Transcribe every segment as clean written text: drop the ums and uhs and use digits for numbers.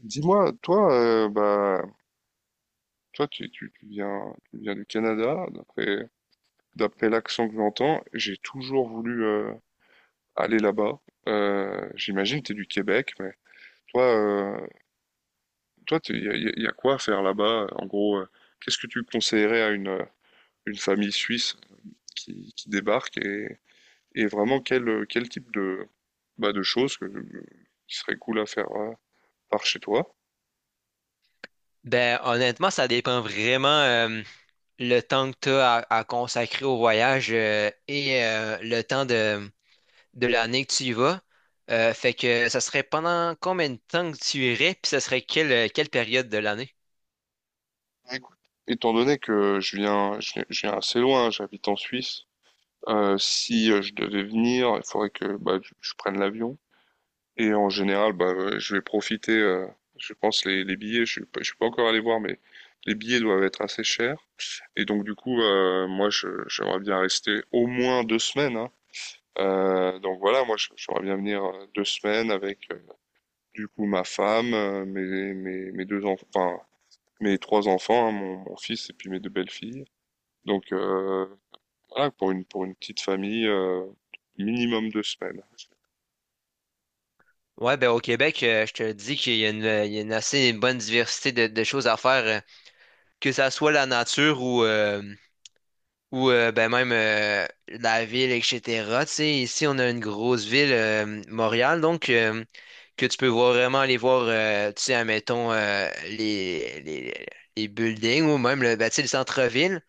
Dis-moi, toi, toi, tu viens du Canada, d'après l'accent que j'entends. J'ai toujours voulu aller là-bas. J'imagine que tu es du Québec, mais toi, euh, toi, il y a, y a- y a quoi à faire là-bas? En gros, qu'est-ce que tu conseillerais à une famille suisse qui débarque et vraiment quel type de, de choses qui serait cool à faire par chez toi? Ben, honnêtement, ça dépend vraiment le temps que tu as à consacrer au voyage et le temps de l'année que tu y vas. Fait que ça serait pendant combien de temps que tu irais, puis ça serait quelle période de l'année? Écoute, étant donné que je viens assez loin, j'habite en Suisse. Si je devais venir, il faudrait que je prenne l'avion. Et en général, je vais profiter, je pense, les billets, je suis pas encore allé voir, mais les billets doivent être assez chers. Et donc, moi, j'aimerais bien rester au moins deux semaines, hein. Donc voilà, j'aimerais bien venir deux semaines avec, du coup, ma femme, mes deux enfants, enfin, mes trois enfants, hein, mon fils et puis mes deux belles-filles. Donc, voilà, pour une petite famille, minimum deux semaines. Ouais, ben au Québec, je te dis qu'il y a une, il y a une assez bonne diversité de choses à faire, que ça soit la nature ou ben même la ville, etc. Tu sais, ici, on a une grosse ville, Montréal, donc que tu peux voir vraiment aller voir, tu sais, admettons, les buildings ou même ben, tu sais, le centre-ville.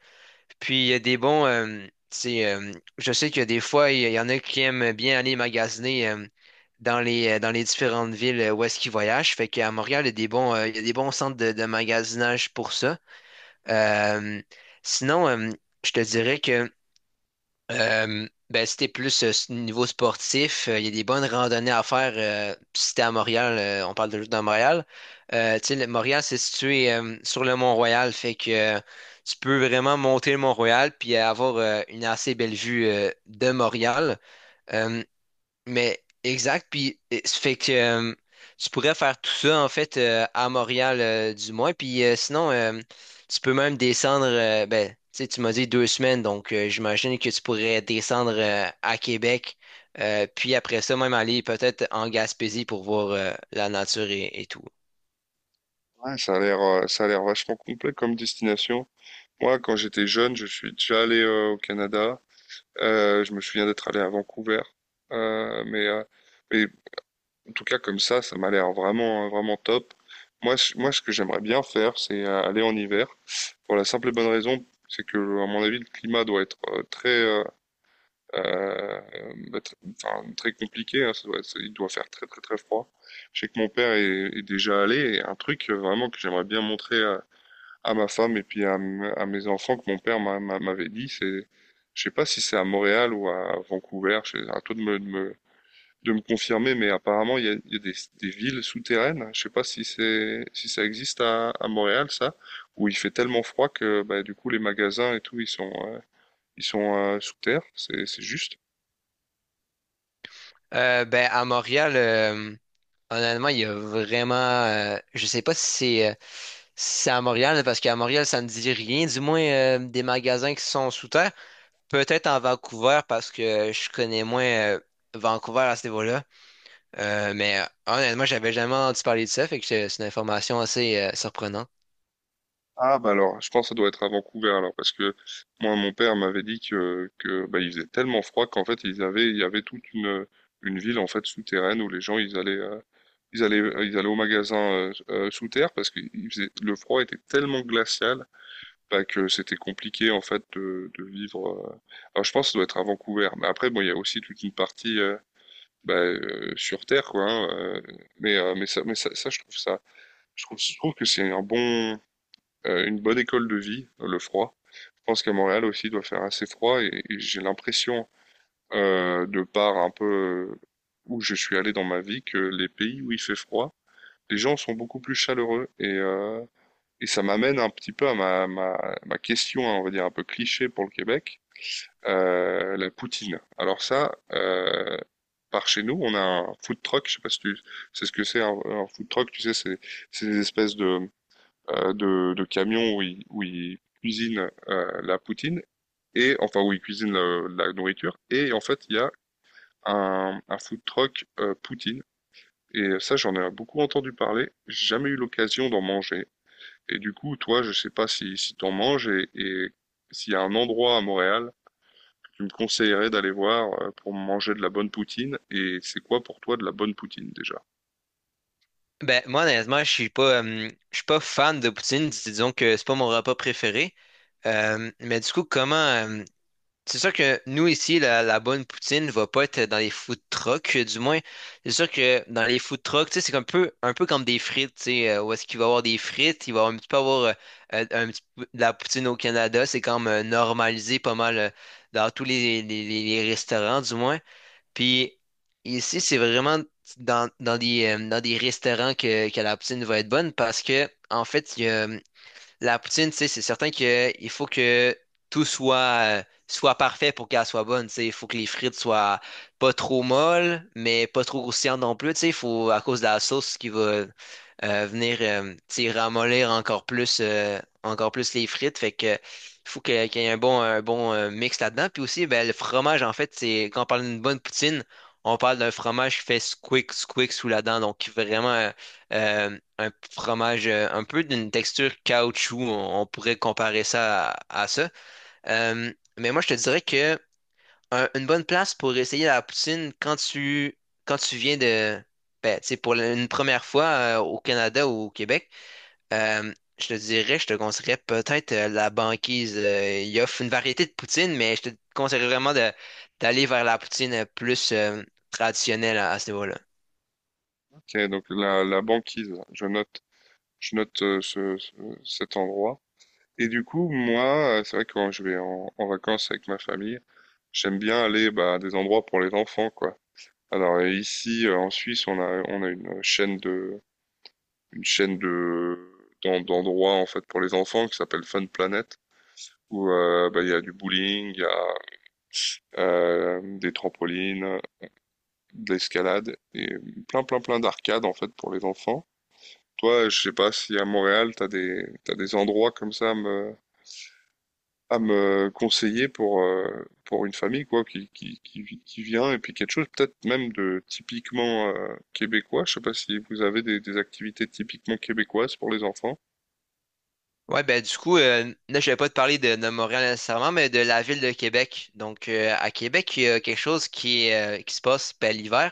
Puis il y a des bons, tu sais, je sais que des fois, il y en a qui aiment bien aller magasiner dans les différentes villes où est-ce qu'ils voyagent. Fait qu'à Montréal, il y a des bons, il y a des bons centres de magasinage pour ça. Euh, sinon, je te dirais que... Ben, si t'es plus niveau sportif, il y a des bonnes randonnées à faire. Si t'es à Montréal, on parle de juste dans Montréal. Tu sais, Montréal, c'est situé sur le Mont-Royal, fait que tu peux vraiment monter le Mont-Royal puis avoir une assez belle vue de Montréal. Euh, mais exact, puis ça fait que tu pourrais faire tout ça en fait à Montréal du moins, puis sinon tu peux même descendre, ben tu sais tu m'as dit deux semaines, donc j'imagine que tu pourrais descendre à Québec, puis après ça même aller peut-être en Gaspésie pour voir la nature et tout. Ah, ça a l'air vachement complet comme destination. Moi, quand j'étais jeune, je suis déjà allé au Canada. Je me souviens d'être allé à Vancouver. Euh, mais, euh, mais en tout cas, comme ça m'a l'air vraiment top. Moi, ce que j'aimerais bien faire, c'est aller en hiver. Pour la simple et bonne raison, c'est que, à mon avis, le climat doit être euh, bah, tr- enfin, très compliqué, hein. Il doit faire très, très, très froid. Je sais que mon est déjà allé. Et un truc vraiment que j'aimerais bien montrer, à ma femme et puis à mes enfants, que mon m'avait dit. C'est, je sais pas si c'est à Montréal ou à Vancouver. À toi de de me confirmer, mais apparemment il y a des villes souterraines. Je sais pas si c'est, si ça existe à Montréal, ça, où il fait tellement froid que du coup les magasins et tout ils sont sous terre. C'est juste. Ben à Montréal, honnêtement il y a vraiment, je sais pas si c'est si c'est à Montréal, parce qu'à Montréal, ça ne dit rien, du moins des magasins qui sont sous terre. Peut-être en Vancouver parce que je connais moins Vancouver à ce niveau-là. Mais honnêtement, j'avais jamais entendu parler de ça, fait que c'est une information assez surprenante. Ah bah alors, je pense que ça doit être à Vancouver alors, parce que moi mon père m'avait dit que bah, il faisait tellement froid qu'en fait ils avaient il y avait toute une ville en fait souterraine où les gens ils allaient ils allaient au magasin sous terre parce que le froid était tellement glacial, bah, que c'était compliqué en fait de vivre, Alors je pense que ça doit être à Vancouver, mais après bon il y a aussi toute une partie sur terre quoi, hein. Je trouve ça je trouve que c'est un bon une bonne école de vie, le froid. Je pense qu'à Montréal aussi il doit faire assez froid, et j'ai l'impression, de par un peu où je suis allé dans ma vie, que les pays où il fait froid, les gens sont beaucoup plus chaleureux, et ça m'amène un petit peu à ma question, hein, on va dire un peu cliché pour le Québec, la poutine. Alors ça, par chez nous, on a un food truck, je sais pas si tu sais ce que c'est un food truck, tu sais, c'est des espèces de de camions où où ils cuisinent la poutine et enfin où ils cuisinent la nourriture. Et en fait, il y a un food truck poutine. Et ça, j'en ai beaucoup entendu parler. J'ai jamais eu l'occasion d'en manger. Et du coup, toi, je sais pas si t'en manges, et s'il y a un endroit à Montréal que tu me conseillerais d'aller voir pour manger de la bonne poutine. Et c'est quoi pour toi de la bonne poutine déjà? Ben, moi, honnêtement, je suis pas fan de poutine. Disons que c'est pas mon repas préféré. Euh, mais du coup, comment, euh, C'est sûr que nous ici, la bonne poutine va pas être dans les food trucks, du moins. C'est sûr que dans les food trucks, tu sais, c'est un peu comme des frites, tu sais, où est-ce qu'il va y avoir des frites, il va un petit peu avoir un petit peu de la poutine au Canada, c'est comme normalisé pas mal dans tous les restaurants, du moins. Puis ici, c'est vraiment dans des restaurants que la poutine va être bonne parce que, en fait, il y a, la poutine, tu sais, c'est certain que il faut que tout soit parfait pour qu'elle soit bonne. Tu sais, il faut que les frites soient pas trop molles, mais pas trop croustillantes non plus. Tu sais, il faut, à cause de la sauce qui va venir, tu sais, ramollir encore plus les frites. Fait que, il qu'il y ait un bon mix là-dedans. Puis aussi, ben, le fromage, en fait, c'est, quand on parle d'une bonne poutine, on parle d'un fromage qui fait squick, squick sous la dent. Donc, vraiment, un fromage un peu d'une texture caoutchouc, on pourrait comparer ça à ça. Mais moi, je te dirais que une bonne place pour essayer la poutine quand tu viens de, ben, tu sais, pour une première fois au Canada ou au Québec, je te dirais, je te conseillerais peut-être la banquise. Il offre une variété de poutine, mais je te conseillerais vraiment d'aller vers la poutine plus traditionnelle à ce niveau-là. Ok, donc la banquise, je note cet endroit. Et du coup, moi, c'est vrai que quand je vais en vacances avec ma famille, j'aime bien aller bah, à des endroits pour les enfants, quoi. Alors en Suisse, on a une chaîne de, une chaîne d'endroits en fait pour les enfants qui s'appelle Fun Planet, où bah, il y a du bowling, il y a des trampolines, de l'escalade et plein, plein, plein d'arcades en fait pour les enfants. Toi, je sais pas si à Montréal, t'as des endroits comme ça à me conseiller pour une famille quoi qui vient, et puis quelque chose peut-être même de typiquement québécois. Je sais pas si vous avez des activités typiquement québécoises pour les enfants. Ouais, ben du coup, là, je vais pas te parler de Montréal nécessairement, mais de la ville de Québec. Donc, à Québec, il y a quelque chose qui qui se passe ben, l'hiver.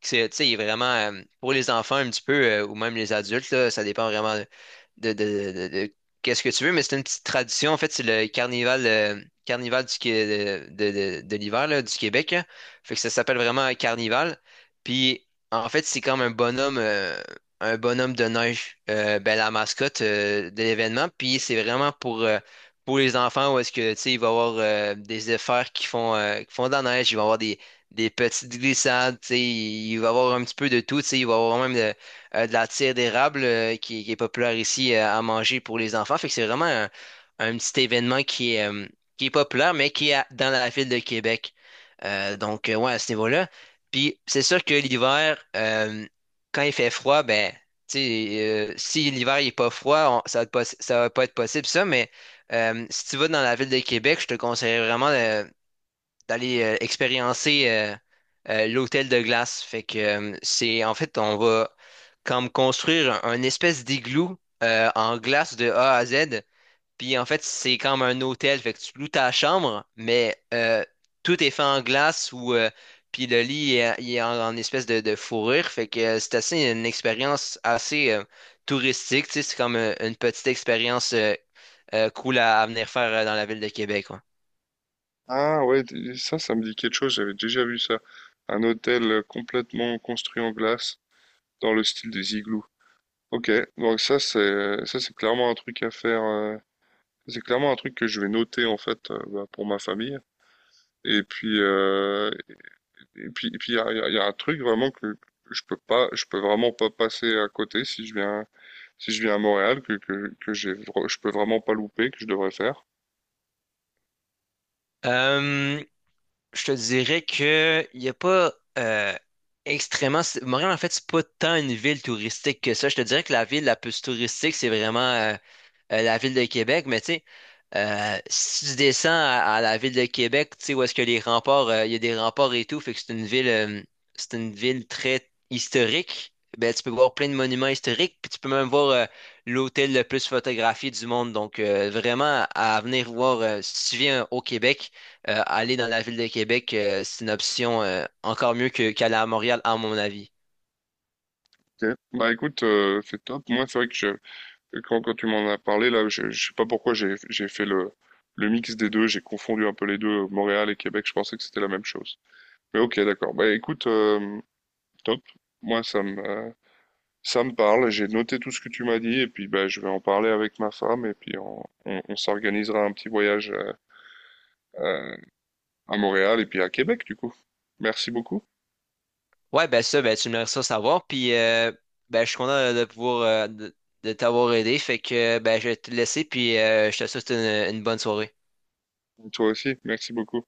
C'est, tu sais, il est vraiment pour les enfants un petit peu, ou même les adultes, là, ça dépend vraiment de qu'est-ce que tu veux, mais c'est une petite tradition. En fait, c'est le carnival, carnival du, Qué- de l'hiver là, du Québec. Là. Fait que ça s'appelle vraiment un carnival. Puis, en fait, c'est comme un bonhomme. Un bonhomme de neige, ben, la mascotte de l'événement. Puis c'est vraiment pour les enfants où est-ce que tu sais, il va y avoir des efforts qui font de la neige, il va y avoir des petites glissades, tu sais, il va y avoir un petit peu de tout, tu sais, il va y avoir même de la tire d'érable qui est populaire ici à manger pour les enfants. Fait que c'est vraiment un petit événement qui est populaire, mais qui est dans la ville de Québec. Donc, ouais, à ce niveau-là. Puis c'est sûr que l'hiver, quand il fait froid, ben, tu sais, si l'hiver il est pas froid, ça va être ça va pas être possible ça, mais si tu vas dans la ville de Québec, je te conseille vraiment d'aller expériencer l'hôtel de glace. Fait que c'est en fait on va comme construire un espèce d'igloo en glace de A à Z. Puis en fait, c'est comme un hôtel, fait que tu loues ta chambre, mais tout est fait en glace ou puis le lit est, il est en espèce de fourrure, fait que c'est assez une expérience assez touristique, tu sais, c'est comme une petite expérience cool à venir faire dans la ville de Québec, ouais. Ah ouais, ça, ça me dit quelque chose. J'avais déjà vu ça. Un hôtel complètement construit en glace dans le style des igloos. Ok, donc ça c'est clairement un truc à faire. C'est clairement un truc que je vais noter en fait bah, pour ma famille. Et puis, euh, et puis il y a, il y a un truc vraiment que je peux vraiment pas passer à côté si je viens, si je viens à Montréal, que j'ai, je peux vraiment pas louper, que je devrais faire. Euh, je te dirais que il y a pas euh, extrêmement Montréal en fait c'est pas tant une ville touristique que ça. Je te dirais que la ville la plus touristique c'est vraiment la ville de Québec, mais tu sais. Si tu descends à la ville de Québec, tu sais, où est-ce que les remparts, il y a des remparts et tout, fait que c'est une ville très historique. Ben, tu peux voir plein de monuments historiques, puis tu peux même voir l'hôtel le plus photographié du monde. Donc, vraiment, à venir voir, si tu viens au Québec, aller dans la ville de Québec, c'est une option encore mieux qu'aller à Montréal, à mon avis. Ok, bah écoute, c'est top. Moi, c'est vrai que quand tu m'en as parlé, là, je sais pas pourquoi j'ai fait le mix des deux, j'ai confondu un peu les deux, Montréal et Québec, je pensais que c'était la même chose. Mais ok, d'accord. Bah écoute, top. Moi, ça me, euh, Ça me parle, j'ai noté tout ce que tu m'as dit, et puis bah, je vais en parler avec ma femme, et puis on s'organisera un petit voyage euh, à Montréal et puis à Québec du coup. Merci beaucoup. Ouais, ben ça, ben tu me laisseras savoir. Puis ben, je suis content de pouvoir de t'avoir aidé. Fait que ben je vais te laisser, puis je te souhaite une bonne soirée. Toi aussi, merci beaucoup.